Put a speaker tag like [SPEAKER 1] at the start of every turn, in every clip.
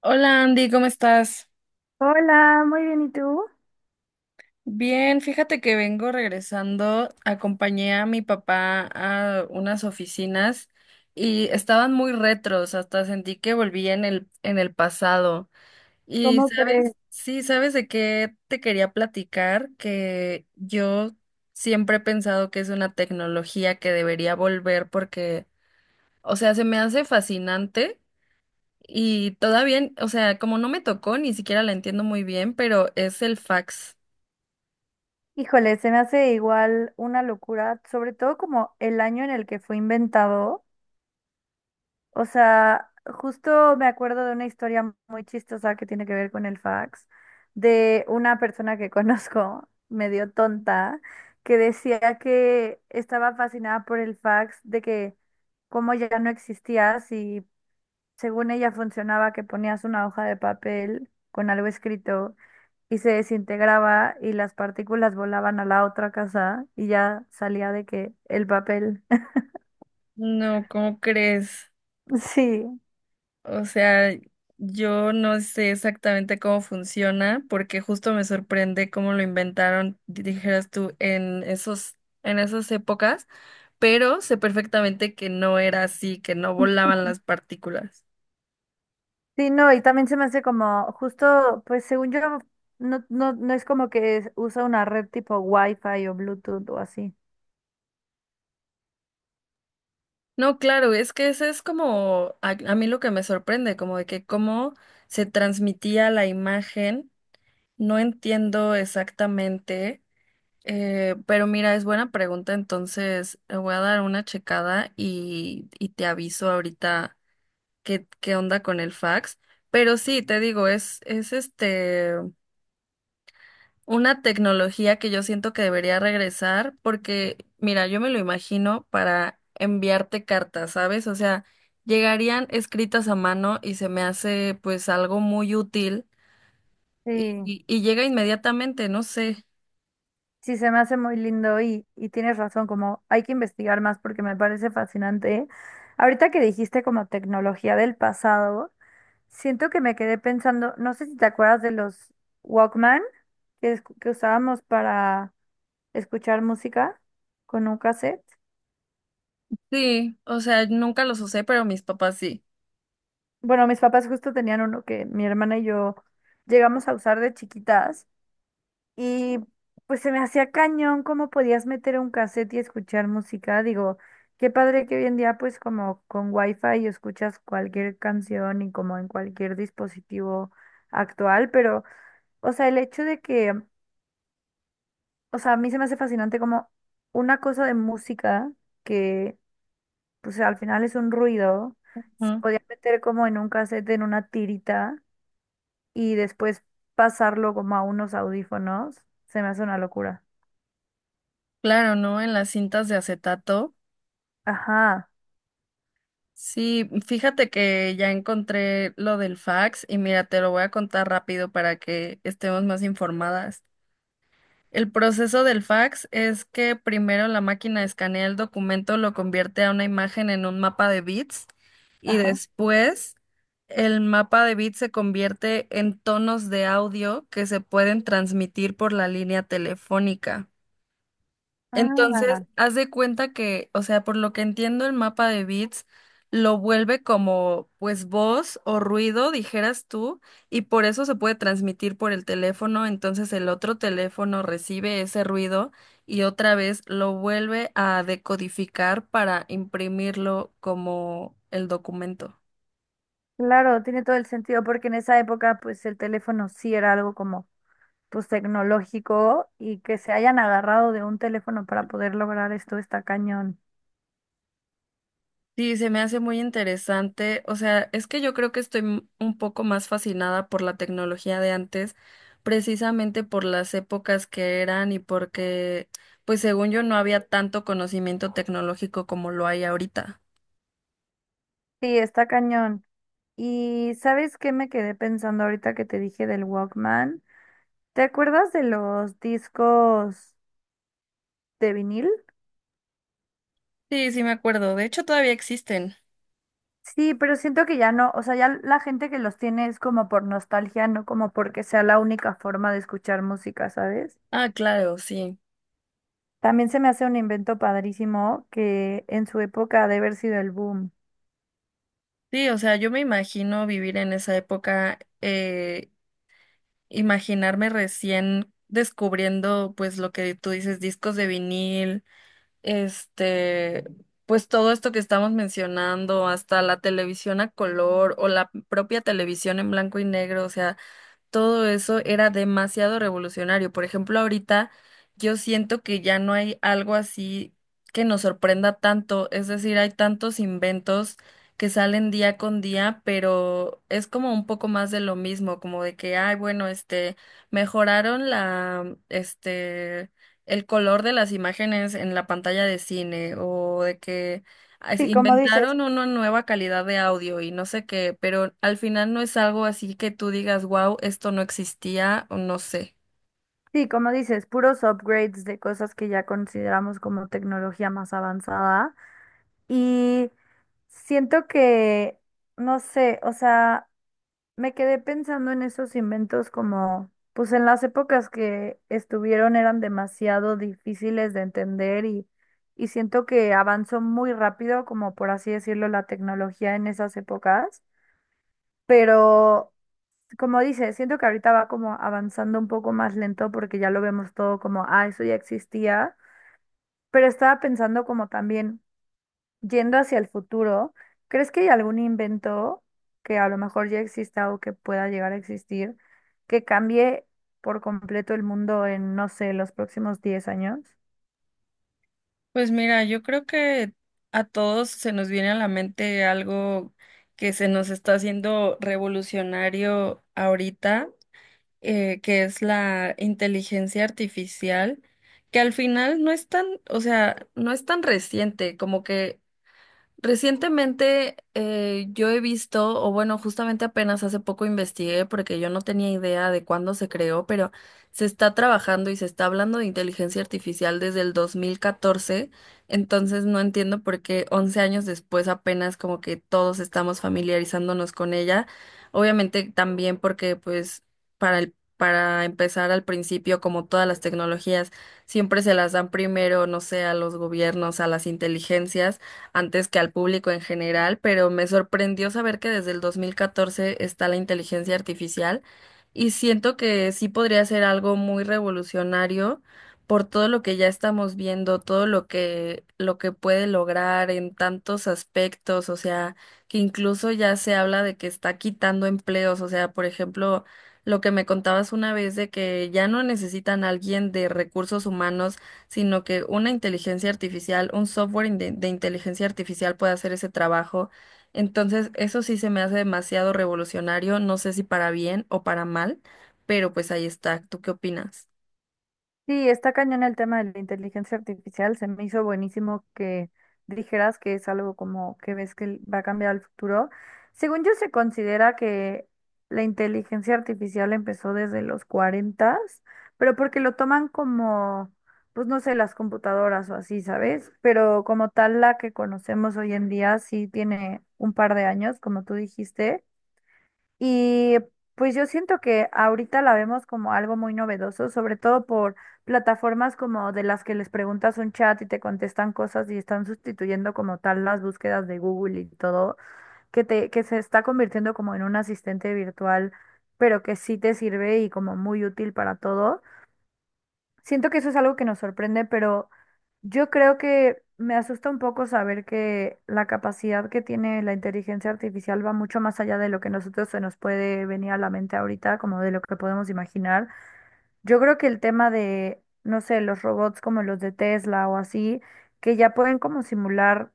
[SPEAKER 1] Hola Andy, ¿cómo estás?
[SPEAKER 2] Hola, muy bien, ¿y tú?
[SPEAKER 1] Bien, fíjate que vengo regresando. Acompañé a mi papá a unas oficinas y estaban muy retros, hasta sentí que volví en el pasado. Y
[SPEAKER 2] ¿Cómo crees?
[SPEAKER 1] sabes, sí, ¿sabes de qué te quería platicar? Que yo siempre he pensado que es una tecnología que debería volver porque, o sea, se me hace fascinante. Y todavía, o sea, como no me tocó, ni siquiera la entiendo muy bien, pero es el fax.
[SPEAKER 2] Híjole, se me hace igual una locura, sobre todo como el año en el que fue inventado. O sea, justo me acuerdo de una historia muy chistosa que tiene que ver con el fax, de una persona que conozco, medio tonta, que decía que estaba fascinada por el fax, de que como ya no existía, si según ella funcionaba que ponías una hoja de papel con algo escrito y se desintegraba y las partículas volaban a la otra casa y ya salía de que el papel.
[SPEAKER 1] No, ¿cómo crees?
[SPEAKER 2] Sí,
[SPEAKER 1] O sea, yo no sé exactamente cómo funciona, porque justo me sorprende cómo lo inventaron, dijeras tú, en esas épocas, pero sé perfectamente que no era así, que no volaban las partículas.
[SPEAKER 2] sí, no, y también se me hace como justo, pues según yo, no, no, no es como que usa una red tipo Wi-Fi o Bluetooth o así.
[SPEAKER 1] No, claro, es que ese es como a mí lo que me sorprende, como de que cómo se transmitía la imagen, no entiendo exactamente. Pero mira, es buena pregunta, entonces le voy a dar una checada y te aviso ahorita qué onda con el fax. Pero sí, te digo, es una tecnología que yo siento que debería regresar, porque, mira, yo me lo imagino para enviarte cartas, ¿sabes? O sea, llegarían escritas a mano y se me hace pues algo muy útil y,
[SPEAKER 2] Sí,
[SPEAKER 1] y llega inmediatamente, no sé.
[SPEAKER 2] sí, se me hace muy lindo y tienes razón, como hay que investigar más porque me parece fascinante. Ahorita que dijiste como tecnología del pasado. Siento que me quedé pensando, no sé si te acuerdas de los Walkman que, que usábamos para escuchar música con un cassette.
[SPEAKER 1] Sí, o sea, nunca los usé, pero mis papás sí.
[SPEAKER 2] Bueno, mis papás justo tenían uno que mi hermana y yo llegamos a usar de chiquitas y pues se me hacía cañón cómo podías meter un cassette y escuchar música. Digo, qué padre que hoy en día pues como con Wi-Fi escuchas cualquier canción y como en cualquier dispositivo actual, pero o sea, el hecho de que o sea, a mí se me hace fascinante como una cosa de música que, pues al final es un ruido, se podía meter como en un cassette, en una tirita y después pasarlo como a unos audífonos, se me hace una locura.
[SPEAKER 1] Claro, ¿no? En las cintas de acetato.
[SPEAKER 2] Ajá,
[SPEAKER 1] Sí, fíjate que ya encontré lo del fax y mira, te lo voy a contar rápido para que estemos más informadas. El proceso del fax es que primero la máquina escanea el documento, lo convierte a una imagen en un mapa de bits y
[SPEAKER 2] ajá.
[SPEAKER 1] después el mapa de bits se convierte en tonos de audio que se pueden transmitir por la línea telefónica. Entonces,
[SPEAKER 2] Ah,
[SPEAKER 1] haz de cuenta que, o sea, por lo que entiendo el mapa de bits, lo vuelve como, pues, voz o ruido, dijeras tú, y por eso se puede transmitir por el teléfono, entonces el otro teléfono recibe ese ruido y otra vez lo vuelve a decodificar para imprimirlo como el documento.
[SPEAKER 2] claro, tiene todo el sentido porque en esa época pues el teléfono sí era algo como pues tecnológico y que se hayan agarrado de un teléfono para poder lograr esto está cañón.
[SPEAKER 1] Sí, se me hace muy interesante. O sea, es que yo creo que estoy un poco más fascinada por la tecnología de antes, precisamente por las épocas que eran y porque, pues según yo, no había tanto conocimiento tecnológico como lo hay ahorita.
[SPEAKER 2] Sí, está cañón. Y ¿sabes qué me quedé pensando ahorita que te dije del Walkman? ¿Te acuerdas de los discos de vinil?
[SPEAKER 1] Sí, sí me acuerdo. De hecho, todavía existen.
[SPEAKER 2] Sí, pero siento que ya no, o sea, ya la gente que los tiene es como por nostalgia, no como porque sea la única forma de escuchar música, ¿sabes?
[SPEAKER 1] Ah, claro, sí.
[SPEAKER 2] También se me hace un invento padrísimo que en su época ha de haber sido el boom.
[SPEAKER 1] Sí, o sea, yo me imagino vivir en esa época, imaginarme recién descubriendo, pues lo que tú dices, discos de vinil, este, pues todo esto que estamos mencionando, hasta la televisión a color o la propia televisión en blanco y negro, o sea, todo eso era demasiado revolucionario. Por ejemplo, ahorita yo siento que ya no hay algo así que nos sorprenda tanto, es decir, hay tantos inventos que salen día con día, pero es como un poco más de lo mismo, como de que, ay, bueno, mejoraron la, el color de las imágenes en la pantalla de cine, o de que
[SPEAKER 2] Sí, como dices,
[SPEAKER 1] inventaron una nueva calidad de audio y no sé qué, pero al final no es algo así que tú digas, wow, esto no existía o no sé.
[SPEAKER 2] sí, como dices, puros upgrades de cosas que ya consideramos como tecnología más avanzada. Y siento que, no sé, o sea, me quedé pensando en esos inventos como, pues en las épocas que estuvieron eran demasiado difíciles de entender y siento que avanzó muy rápido, como por así decirlo, la tecnología en esas épocas. Pero, como dice, siento que ahorita va como avanzando un poco más lento porque ya lo vemos todo como, ah, eso ya existía. Pero estaba pensando como también yendo hacia el futuro, ¿crees que hay algún invento que a lo mejor ya exista o que pueda llegar a existir que cambie por completo el mundo en, no sé, los próximos 10 años?
[SPEAKER 1] Pues mira, yo creo que a todos se nos viene a la mente algo que se nos está haciendo revolucionario ahorita, que es la inteligencia artificial, que al final no es tan, o sea, no es tan reciente, como que recientemente, yo he visto, o bueno, justamente apenas hace poco investigué porque yo no tenía idea de cuándo se creó, pero se está trabajando y se está hablando de inteligencia artificial desde el 2014, entonces no entiendo por qué 11 años después apenas como que todos estamos familiarizándonos con ella. Obviamente también porque pues para empezar al principio, como todas las tecnologías, siempre se las dan primero, no sé, a los gobiernos, a las inteligencias antes que al público en general, pero me sorprendió saber que desde el 2014 está la inteligencia artificial y siento que sí podría ser algo muy revolucionario por todo lo que ya estamos viendo, todo lo que puede lograr en tantos aspectos, o sea, que incluso ya se habla de que está quitando empleos, o sea, por ejemplo, lo que me contabas una vez de que ya no necesitan a alguien de recursos humanos sino que una inteligencia artificial, un software inteligencia artificial puede hacer ese trabajo. Entonces, eso sí se me hace demasiado revolucionario, no sé si para bien o para mal, pero pues ahí está. ¿Tú qué opinas?
[SPEAKER 2] Sí, está cañón el tema de la inteligencia artificial. Se me hizo buenísimo que dijeras que es algo como que ves que va a cambiar el futuro. Según yo, se considera que la inteligencia artificial empezó desde los 40, pero porque lo toman como, pues no sé, las computadoras o así, ¿sabes? Pero como tal, la que conocemos hoy en día sí tiene un par de años, como tú dijiste. Y pues yo siento que ahorita la vemos como algo muy novedoso, sobre todo por plataformas como de las que les preguntas un chat y te contestan cosas y están sustituyendo como tal las búsquedas de Google y todo, que se está convirtiendo como en un asistente virtual, pero que sí te sirve y como muy útil para todo. Siento que eso es algo que nos sorprende, pero yo creo que me asusta un poco saber que la capacidad que tiene la inteligencia artificial va mucho más allá de lo que nosotros se nos puede venir a la mente ahorita, como de lo que podemos imaginar. Yo creo que el tema de, no sé, los robots como los de Tesla o así, que ya pueden como simular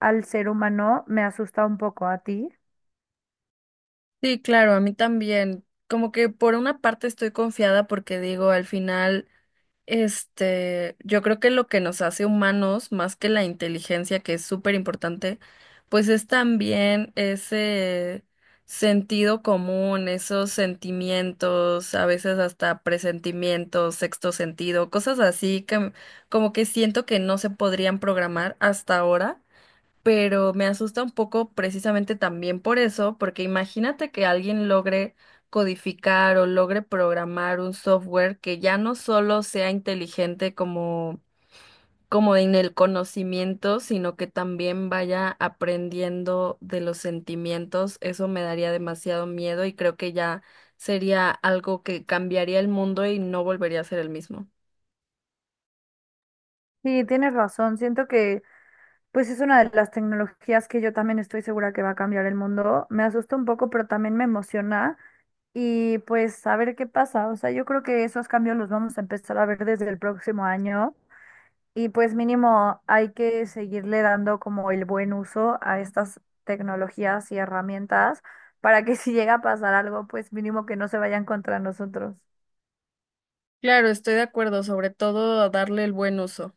[SPEAKER 2] al ser humano, me asusta un poco a ti.
[SPEAKER 1] Sí, claro, a mí también. Como que por una parte estoy confiada porque digo, al final... Este, yo creo que lo que nos hace humanos, más que la inteligencia, que es súper importante, pues es también ese sentido común, esos sentimientos, a veces hasta presentimientos, sexto sentido, cosas así que como que siento que no se podrían programar hasta ahora, pero me asusta un poco precisamente también por eso, porque imagínate que alguien logre codificar o logre programar un software que ya no solo sea inteligente como, como en el conocimiento, sino que también vaya aprendiendo de los sentimientos. Eso me daría demasiado miedo y creo que ya sería algo que cambiaría el mundo y no volvería a ser el mismo.
[SPEAKER 2] Sí, tienes razón. Siento que pues es una de las tecnologías que yo también estoy segura que va a cambiar el mundo. Me asusta un poco, pero también me emociona. Y pues a ver qué pasa. O sea, yo creo que esos cambios los vamos a empezar a ver desde el próximo año. Y pues mínimo hay que seguirle dando como el buen uso a estas tecnologías y herramientas para que si llega a pasar algo, pues mínimo que no se vayan contra nosotros.
[SPEAKER 1] Claro, estoy de acuerdo, sobre todo a darle el buen uso.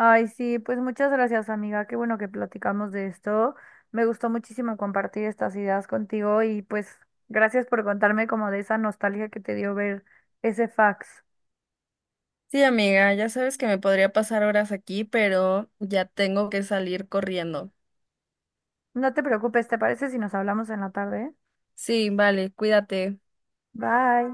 [SPEAKER 2] Ay, sí, pues muchas gracias, amiga. Qué bueno que platicamos de esto. Me gustó muchísimo compartir estas ideas contigo y pues gracias por contarme como de esa nostalgia que te dio ver ese fax.
[SPEAKER 1] Sí, amiga, ya sabes que me podría pasar horas aquí, pero ya tengo que salir corriendo.
[SPEAKER 2] No te preocupes, ¿te parece si nos hablamos en la tarde?
[SPEAKER 1] Sí, vale, cuídate.
[SPEAKER 2] Bye.